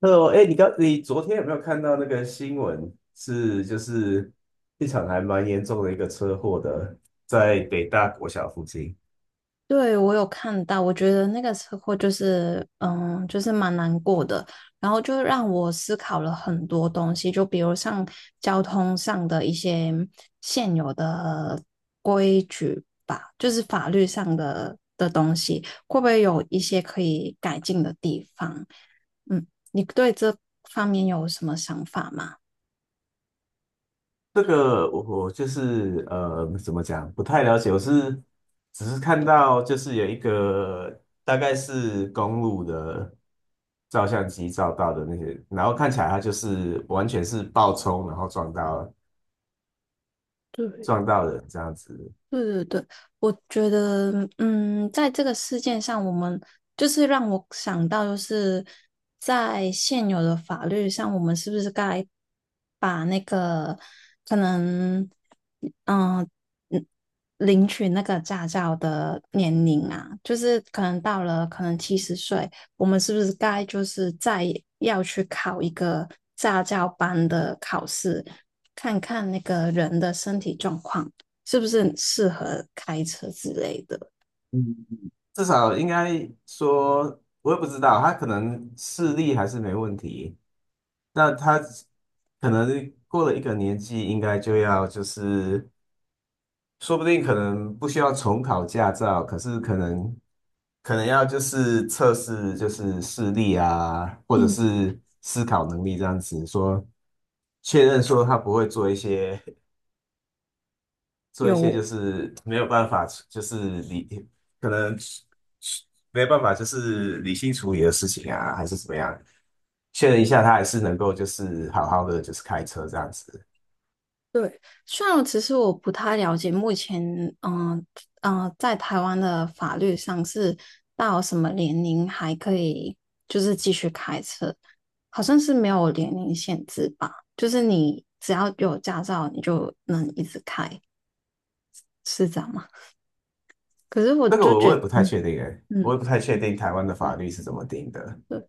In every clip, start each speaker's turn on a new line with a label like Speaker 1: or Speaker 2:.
Speaker 1: 哦，哎，你昨天有没有看到那个新闻？是，就是一场还蛮严重的一个车祸的，在北大国小附近。
Speaker 2: 对，我有看到，我觉得那个车祸就是，就是蛮难过的。然后就让我思考了很多东西，就比如像交通上的一些现有的规矩吧，就是法律上的东西，会不会有一些可以改进的地方？你对这方面有什么想法吗？
Speaker 1: 这个我就是怎么讲，不太了解。我是只是看到就是有一个大概是公路的照相机照到的那些，然后看起来它就是完全是爆冲，然后撞到
Speaker 2: 对。
Speaker 1: 撞到人这样子。
Speaker 2: 对对对，我觉得，在这个事件上，我们就是让我想到，就是在现有的法律上，我们是不是该把那个可能，嗯嗯，领取那个驾照的年龄啊，就是可能到了可能七十岁，我们是不是该就是再要去考一个驾照班的考试，看看那个人的身体状况，是不是很适合开车之类的。
Speaker 1: 嗯。至少应该说，我也不知道，他可能视力还是没问题，那他可能过了一个年纪，应该就要就是，说不定可能不需要重考驾照，可是可能要就是测试就是视力啊，或者
Speaker 2: 嗯。
Speaker 1: 是思考能力这样子，说确认说他不会做一些。做一些就
Speaker 2: 有。
Speaker 1: 是没有办法，就是可能没有办法就是理性处理的事情啊，还是怎么样，确认一下他还是能够就是好好的就是开车这样子。
Speaker 2: 虽然其实我不太了解目前，嗯、呃嗯、在台湾的法律上是到什么年龄还可以就是继续开车，好像是没有年龄限制吧？就是你只要有驾照，你就能一直开，是这样吗？可是我
Speaker 1: 这个
Speaker 2: 就
Speaker 1: 我
Speaker 2: 觉
Speaker 1: 也
Speaker 2: 得，
Speaker 1: 不太
Speaker 2: 嗯
Speaker 1: 确定诶，我
Speaker 2: 嗯，
Speaker 1: 也不太确定台湾的法
Speaker 2: 对
Speaker 1: 律是怎么定的，
Speaker 2: 对。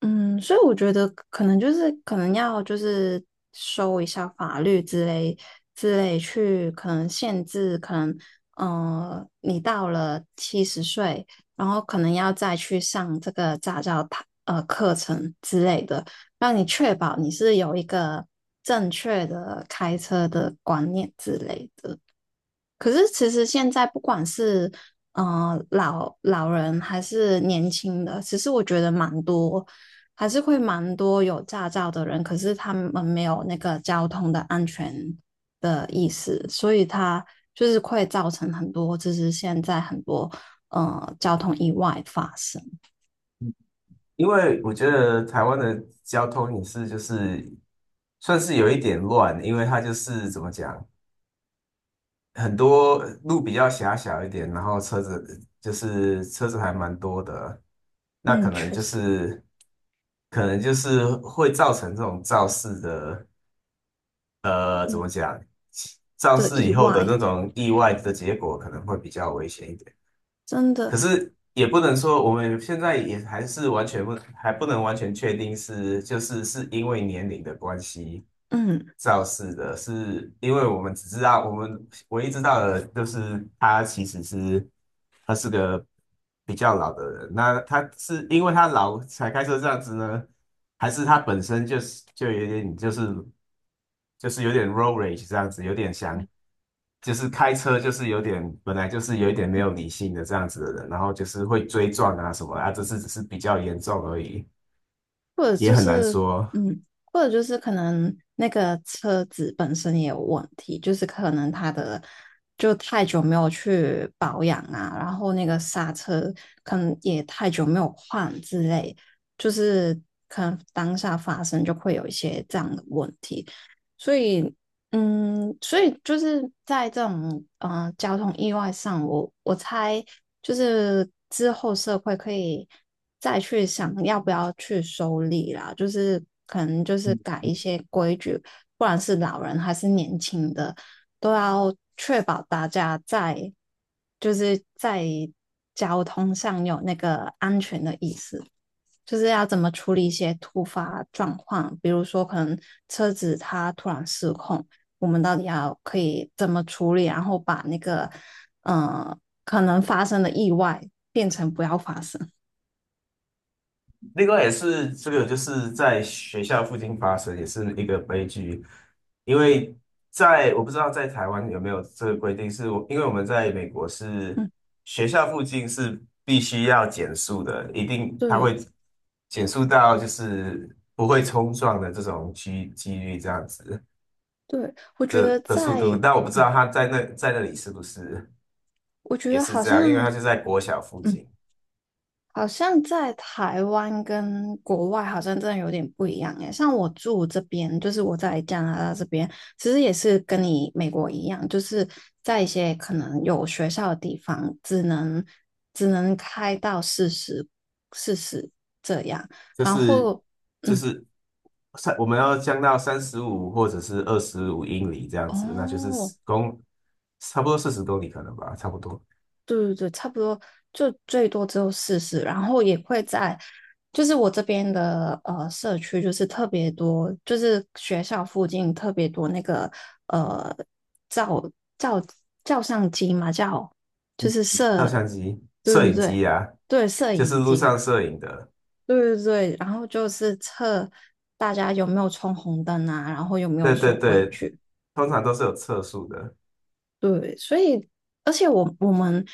Speaker 2: 所以我觉得可能就是可能要就是收一下法律之类去，可能限制，可能你到了七十岁，然后可能要再去上这个驾照它课程之类的，让你确保你是有一个正确的开车的观念之类的。可是其实现在不管是老人还是年轻的，其实我觉得蛮多，还是会蛮多有驾照的人，可是他们没有那个交通的安全的意识，所以他就是会造成很多，就是现在很多交通意外发生。
Speaker 1: 因为我觉得台湾的交通也是就是算是有一点乱，因为它就是怎么讲。很多路比较狭小一点，然后车子还蛮多的，那可
Speaker 2: 嗯，
Speaker 1: 能
Speaker 2: 确
Speaker 1: 就
Speaker 2: 实。
Speaker 1: 是可能就是会造成这种肇事的
Speaker 2: 嗯
Speaker 1: 肇
Speaker 2: 的
Speaker 1: 事
Speaker 2: 意
Speaker 1: 以后的
Speaker 2: 外
Speaker 1: 那种意外的结果，可能会比较危险一点。
Speaker 2: 真的。
Speaker 1: 可是也不能说我们现在也还是完全不还不能完全确定是是因为年龄的关系
Speaker 2: 嗯。
Speaker 1: 肇事的，是因为我们只知道，我们唯一知道的就是他其实是，他是个比较老的人。那他是因为他老才开车这样子呢，还是他本身就是有点 road rage 这样子，有点想，就是开车就是有点本来就是有一点没有理性的这样子的人，然后就是会追撞啊什么啊，这次只是比较严重而已，
Speaker 2: 或者
Speaker 1: 也
Speaker 2: 就
Speaker 1: 很难
Speaker 2: 是，
Speaker 1: 说。
Speaker 2: 或者就是可能那个车子本身也有问题，就是可能它的就太久没有去保养啊，然后那个刹车可能也太久没有换之类，就是可能当下发生就会有一些这样的问题。所以，所以就是在这种交通意外上，我猜就是之后社会可以再去想要不要去收礼啦，就是可能就是
Speaker 1: 嗯
Speaker 2: 改一些规矩，不管是老人还是年轻的，都要确保大家在就是在交通上有那个安全的意识。就是要怎么处理一些突发状况，比如说可能车子它突然失控，我们到底要可以怎么处理，然后把那个呃可能发生的意外变成不要发生。
Speaker 1: 另外也是这个就是在学校附近发生，也是一个悲剧。因为在我不知道在台湾有没有这个规定，因为我们在美国 是
Speaker 2: 嗯，
Speaker 1: 学校附近是必须要减速的，一定它
Speaker 2: 对
Speaker 1: 会减速到就是不会冲撞的这种几率这样子。
Speaker 2: 对，我觉
Speaker 1: 这
Speaker 2: 得
Speaker 1: 的速
Speaker 2: 在，
Speaker 1: 度，但我不知
Speaker 2: 嗯，
Speaker 1: 道他在那里是不是
Speaker 2: 我觉
Speaker 1: 也
Speaker 2: 得
Speaker 1: 是
Speaker 2: 好
Speaker 1: 这
Speaker 2: 像，
Speaker 1: 样，因为他就在国小附
Speaker 2: 嗯，
Speaker 1: 近。
Speaker 2: 好像在台湾跟国外好像真的有点不一样诶，像我住这边，就是我在加拿大这边，其实也是跟你美国一样，就是在一些可能有学校的地方，只能开到四十这样。
Speaker 1: 就
Speaker 2: 然
Speaker 1: 是
Speaker 2: 后
Speaker 1: 就
Speaker 2: 嗯
Speaker 1: 是我们要降到35或者是25英里这样子，那就是
Speaker 2: 哦，
Speaker 1: 10差不多40公里可能吧，差不多。
Speaker 2: 对对对，差不多就最多只有四十，然后也会在，就是我这边的社区，就是特别多，就是学校附近特别多那个呃照照照相机嘛，叫就是
Speaker 1: 照
Speaker 2: 摄，
Speaker 1: 相机、
Speaker 2: 对
Speaker 1: 摄
Speaker 2: 对
Speaker 1: 影
Speaker 2: 对
Speaker 1: 机啊，
Speaker 2: 对，摄
Speaker 1: 就是
Speaker 2: 影
Speaker 1: 路
Speaker 2: 机啦，
Speaker 1: 上摄影的。
Speaker 2: 对对对，然后就是测大家有没有冲红灯啊，然后有没有
Speaker 1: 对对
Speaker 2: 守规
Speaker 1: 对，
Speaker 2: 矩。
Speaker 1: 通常都是有测速的。
Speaker 2: 对，所以而且我我们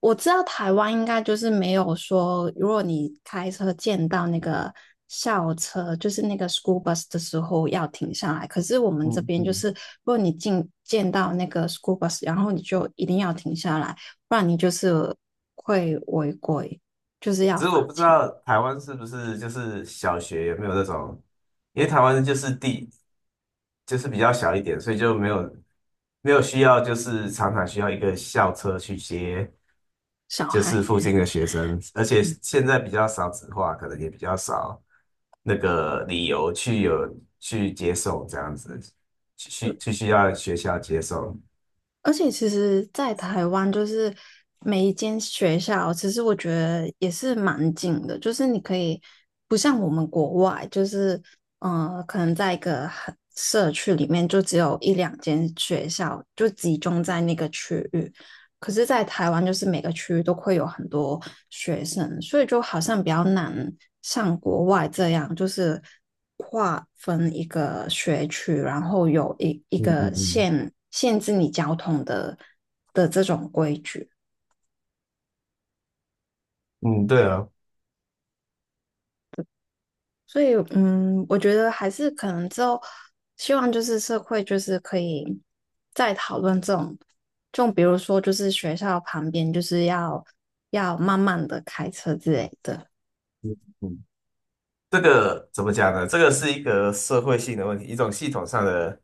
Speaker 2: 我知道台湾应该就是没有说，如果你开车见到那个校车，就是那个 school bus 的时候要停下来。可是我们这
Speaker 1: 嗯
Speaker 2: 边就
Speaker 1: 嗯。
Speaker 2: 是，如果你见到那个 school bus，然后你就一定要停下来，不然你就是会违规，就是要
Speaker 1: 只是
Speaker 2: 罚
Speaker 1: 我不知
Speaker 2: 钱。
Speaker 1: 道台湾是不是就是小学有没有那种，因为台湾就是地就是比较小一点，所以就没有需要就是常常需要一个校车去接
Speaker 2: 小
Speaker 1: 就
Speaker 2: 孩。
Speaker 1: 是附近的学生，而且现在比较少子化，可能也比较少那个理由去接送这样子，去需要学校接送。
Speaker 2: 而且其实，在台湾就是每一间学校，其实我觉得也是蛮近的，就是你可以不像我们国外，就是可能在一个很社区里面就只有一两间学校，就集中在那个区域。可是，在台湾就是每个区都会有很多学生，所以就好像比较难像国外这样，就是划分一个学区，然后有一一
Speaker 1: 嗯嗯
Speaker 2: 个
Speaker 1: 嗯
Speaker 2: 限制你交通的这种规矩。
Speaker 1: 嗯，对啊。
Speaker 2: 所以，我觉得还是可能之后，希望就是社会就是可以再讨论这种，就比如说就是学校旁边就是要慢慢的开车之类的。
Speaker 1: 嗯。这个怎么讲呢？这个是一个社会性的问题，一种系统上的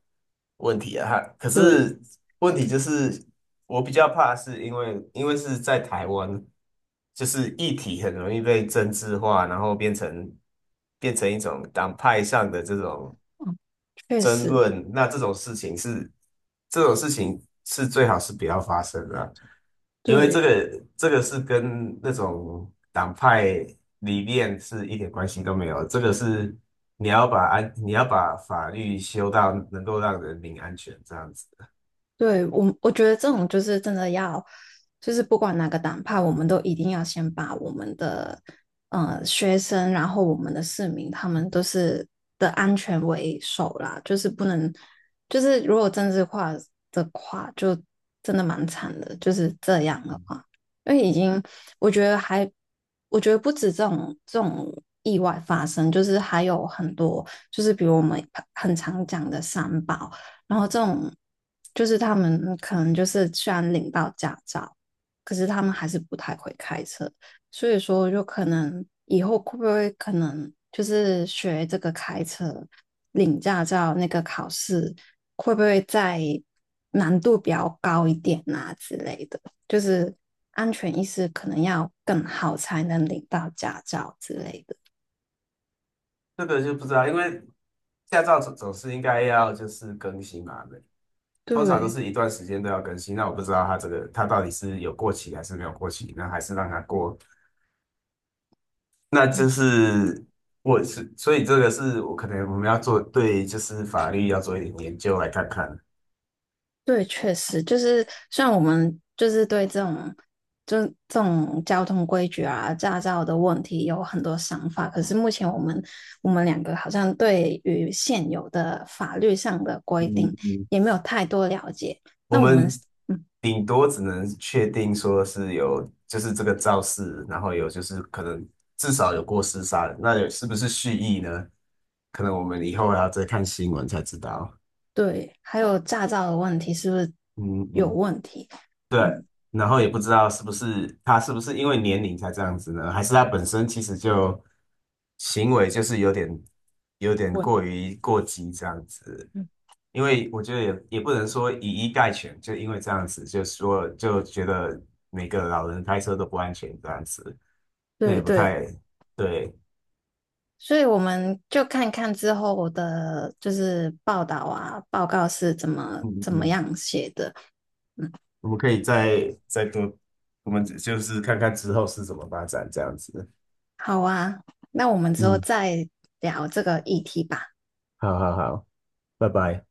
Speaker 1: 问题啊。哈，可
Speaker 2: 对。
Speaker 1: 是问题就是，我比较怕是因为是在台湾，就是议题很容易被政治化，然后变成一种党派上的这种
Speaker 2: 确
Speaker 1: 争
Speaker 2: 实，
Speaker 1: 论，那这种事情是最好是不要发生的啊，因为这
Speaker 2: 对
Speaker 1: 个这个是跟那种党派理念是一点关系都没有，这个是你要把法律修到能够让人民安全这样子。
Speaker 2: 对，我觉得这种就是真的要，就是不管哪个党派，我们都一定要先把我们的学生，然后我们的市民，他们都是的安全为首啦，就是不能，就是如果政治化的话，就真的蛮惨的，就是这样的话，因为已经我觉得还，我觉得不止这种。意外发生，就是还有很多，就是比如我们很常讲的三宝，然后这种就是他们可能就是虽然领到驾照，可是他们还是不太会开车，所以说就可能以后会不会可能就是学这个开车领驾照那个考试会不会再难度比较高一点啊之类的，就是安全意识可能要更好才能领到驾照之类的。
Speaker 1: 这个就不知道，因为驾照总是应该要就是更新嘛，通常都
Speaker 2: 对。
Speaker 1: 是一段时间都要更新，那我不知道它这个它到底是有过期还是没有过期，那还是让它过，那就是我是，所以这个是我可能我们要做，对，就是法律要做一点研究来看看。
Speaker 2: 对，确实就是像我们就是对这种就是这种交通规矩啊、驾照的问题有很多想法，可是目前我们两个好像对于现有的法律上的规
Speaker 1: 嗯
Speaker 2: 定
Speaker 1: 嗯，
Speaker 2: 也没有太多了解。
Speaker 1: 我
Speaker 2: 那我们。
Speaker 1: 们
Speaker 2: 嗯，
Speaker 1: 顶多只能确定说是有，就是这个肇事，然后有就是可能至少有过失杀人。那有是不是蓄意呢？可能我们以后还要再看新闻才知道。
Speaker 2: 对，还有驾照的问题是不是
Speaker 1: 嗯
Speaker 2: 有
Speaker 1: 嗯。
Speaker 2: 问题？
Speaker 1: 对，
Speaker 2: 嗯，
Speaker 1: 然后也不知道他是不是因为年龄才这样子呢？还是他本身其实就行为就是有点
Speaker 2: 问，
Speaker 1: 过于过激这样子？
Speaker 2: 嗯，
Speaker 1: 因为我觉得也不能说以一概全，就因为这样子，就说就觉得每个老人开车都不安全这样子，那也
Speaker 2: 对
Speaker 1: 不
Speaker 2: 对。
Speaker 1: 太对。
Speaker 2: 所以我们就看看之后我的就是报道啊，报告是
Speaker 1: 嗯嗯
Speaker 2: 怎么
Speaker 1: 嗯，
Speaker 2: 样写的。嗯，
Speaker 1: 我们可以再多，我们就是看看之后是怎么发展这样子。
Speaker 2: 好啊，那我们之后
Speaker 1: 嗯，
Speaker 2: 再聊这个议题吧。
Speaker 1: 好好好，拜拜。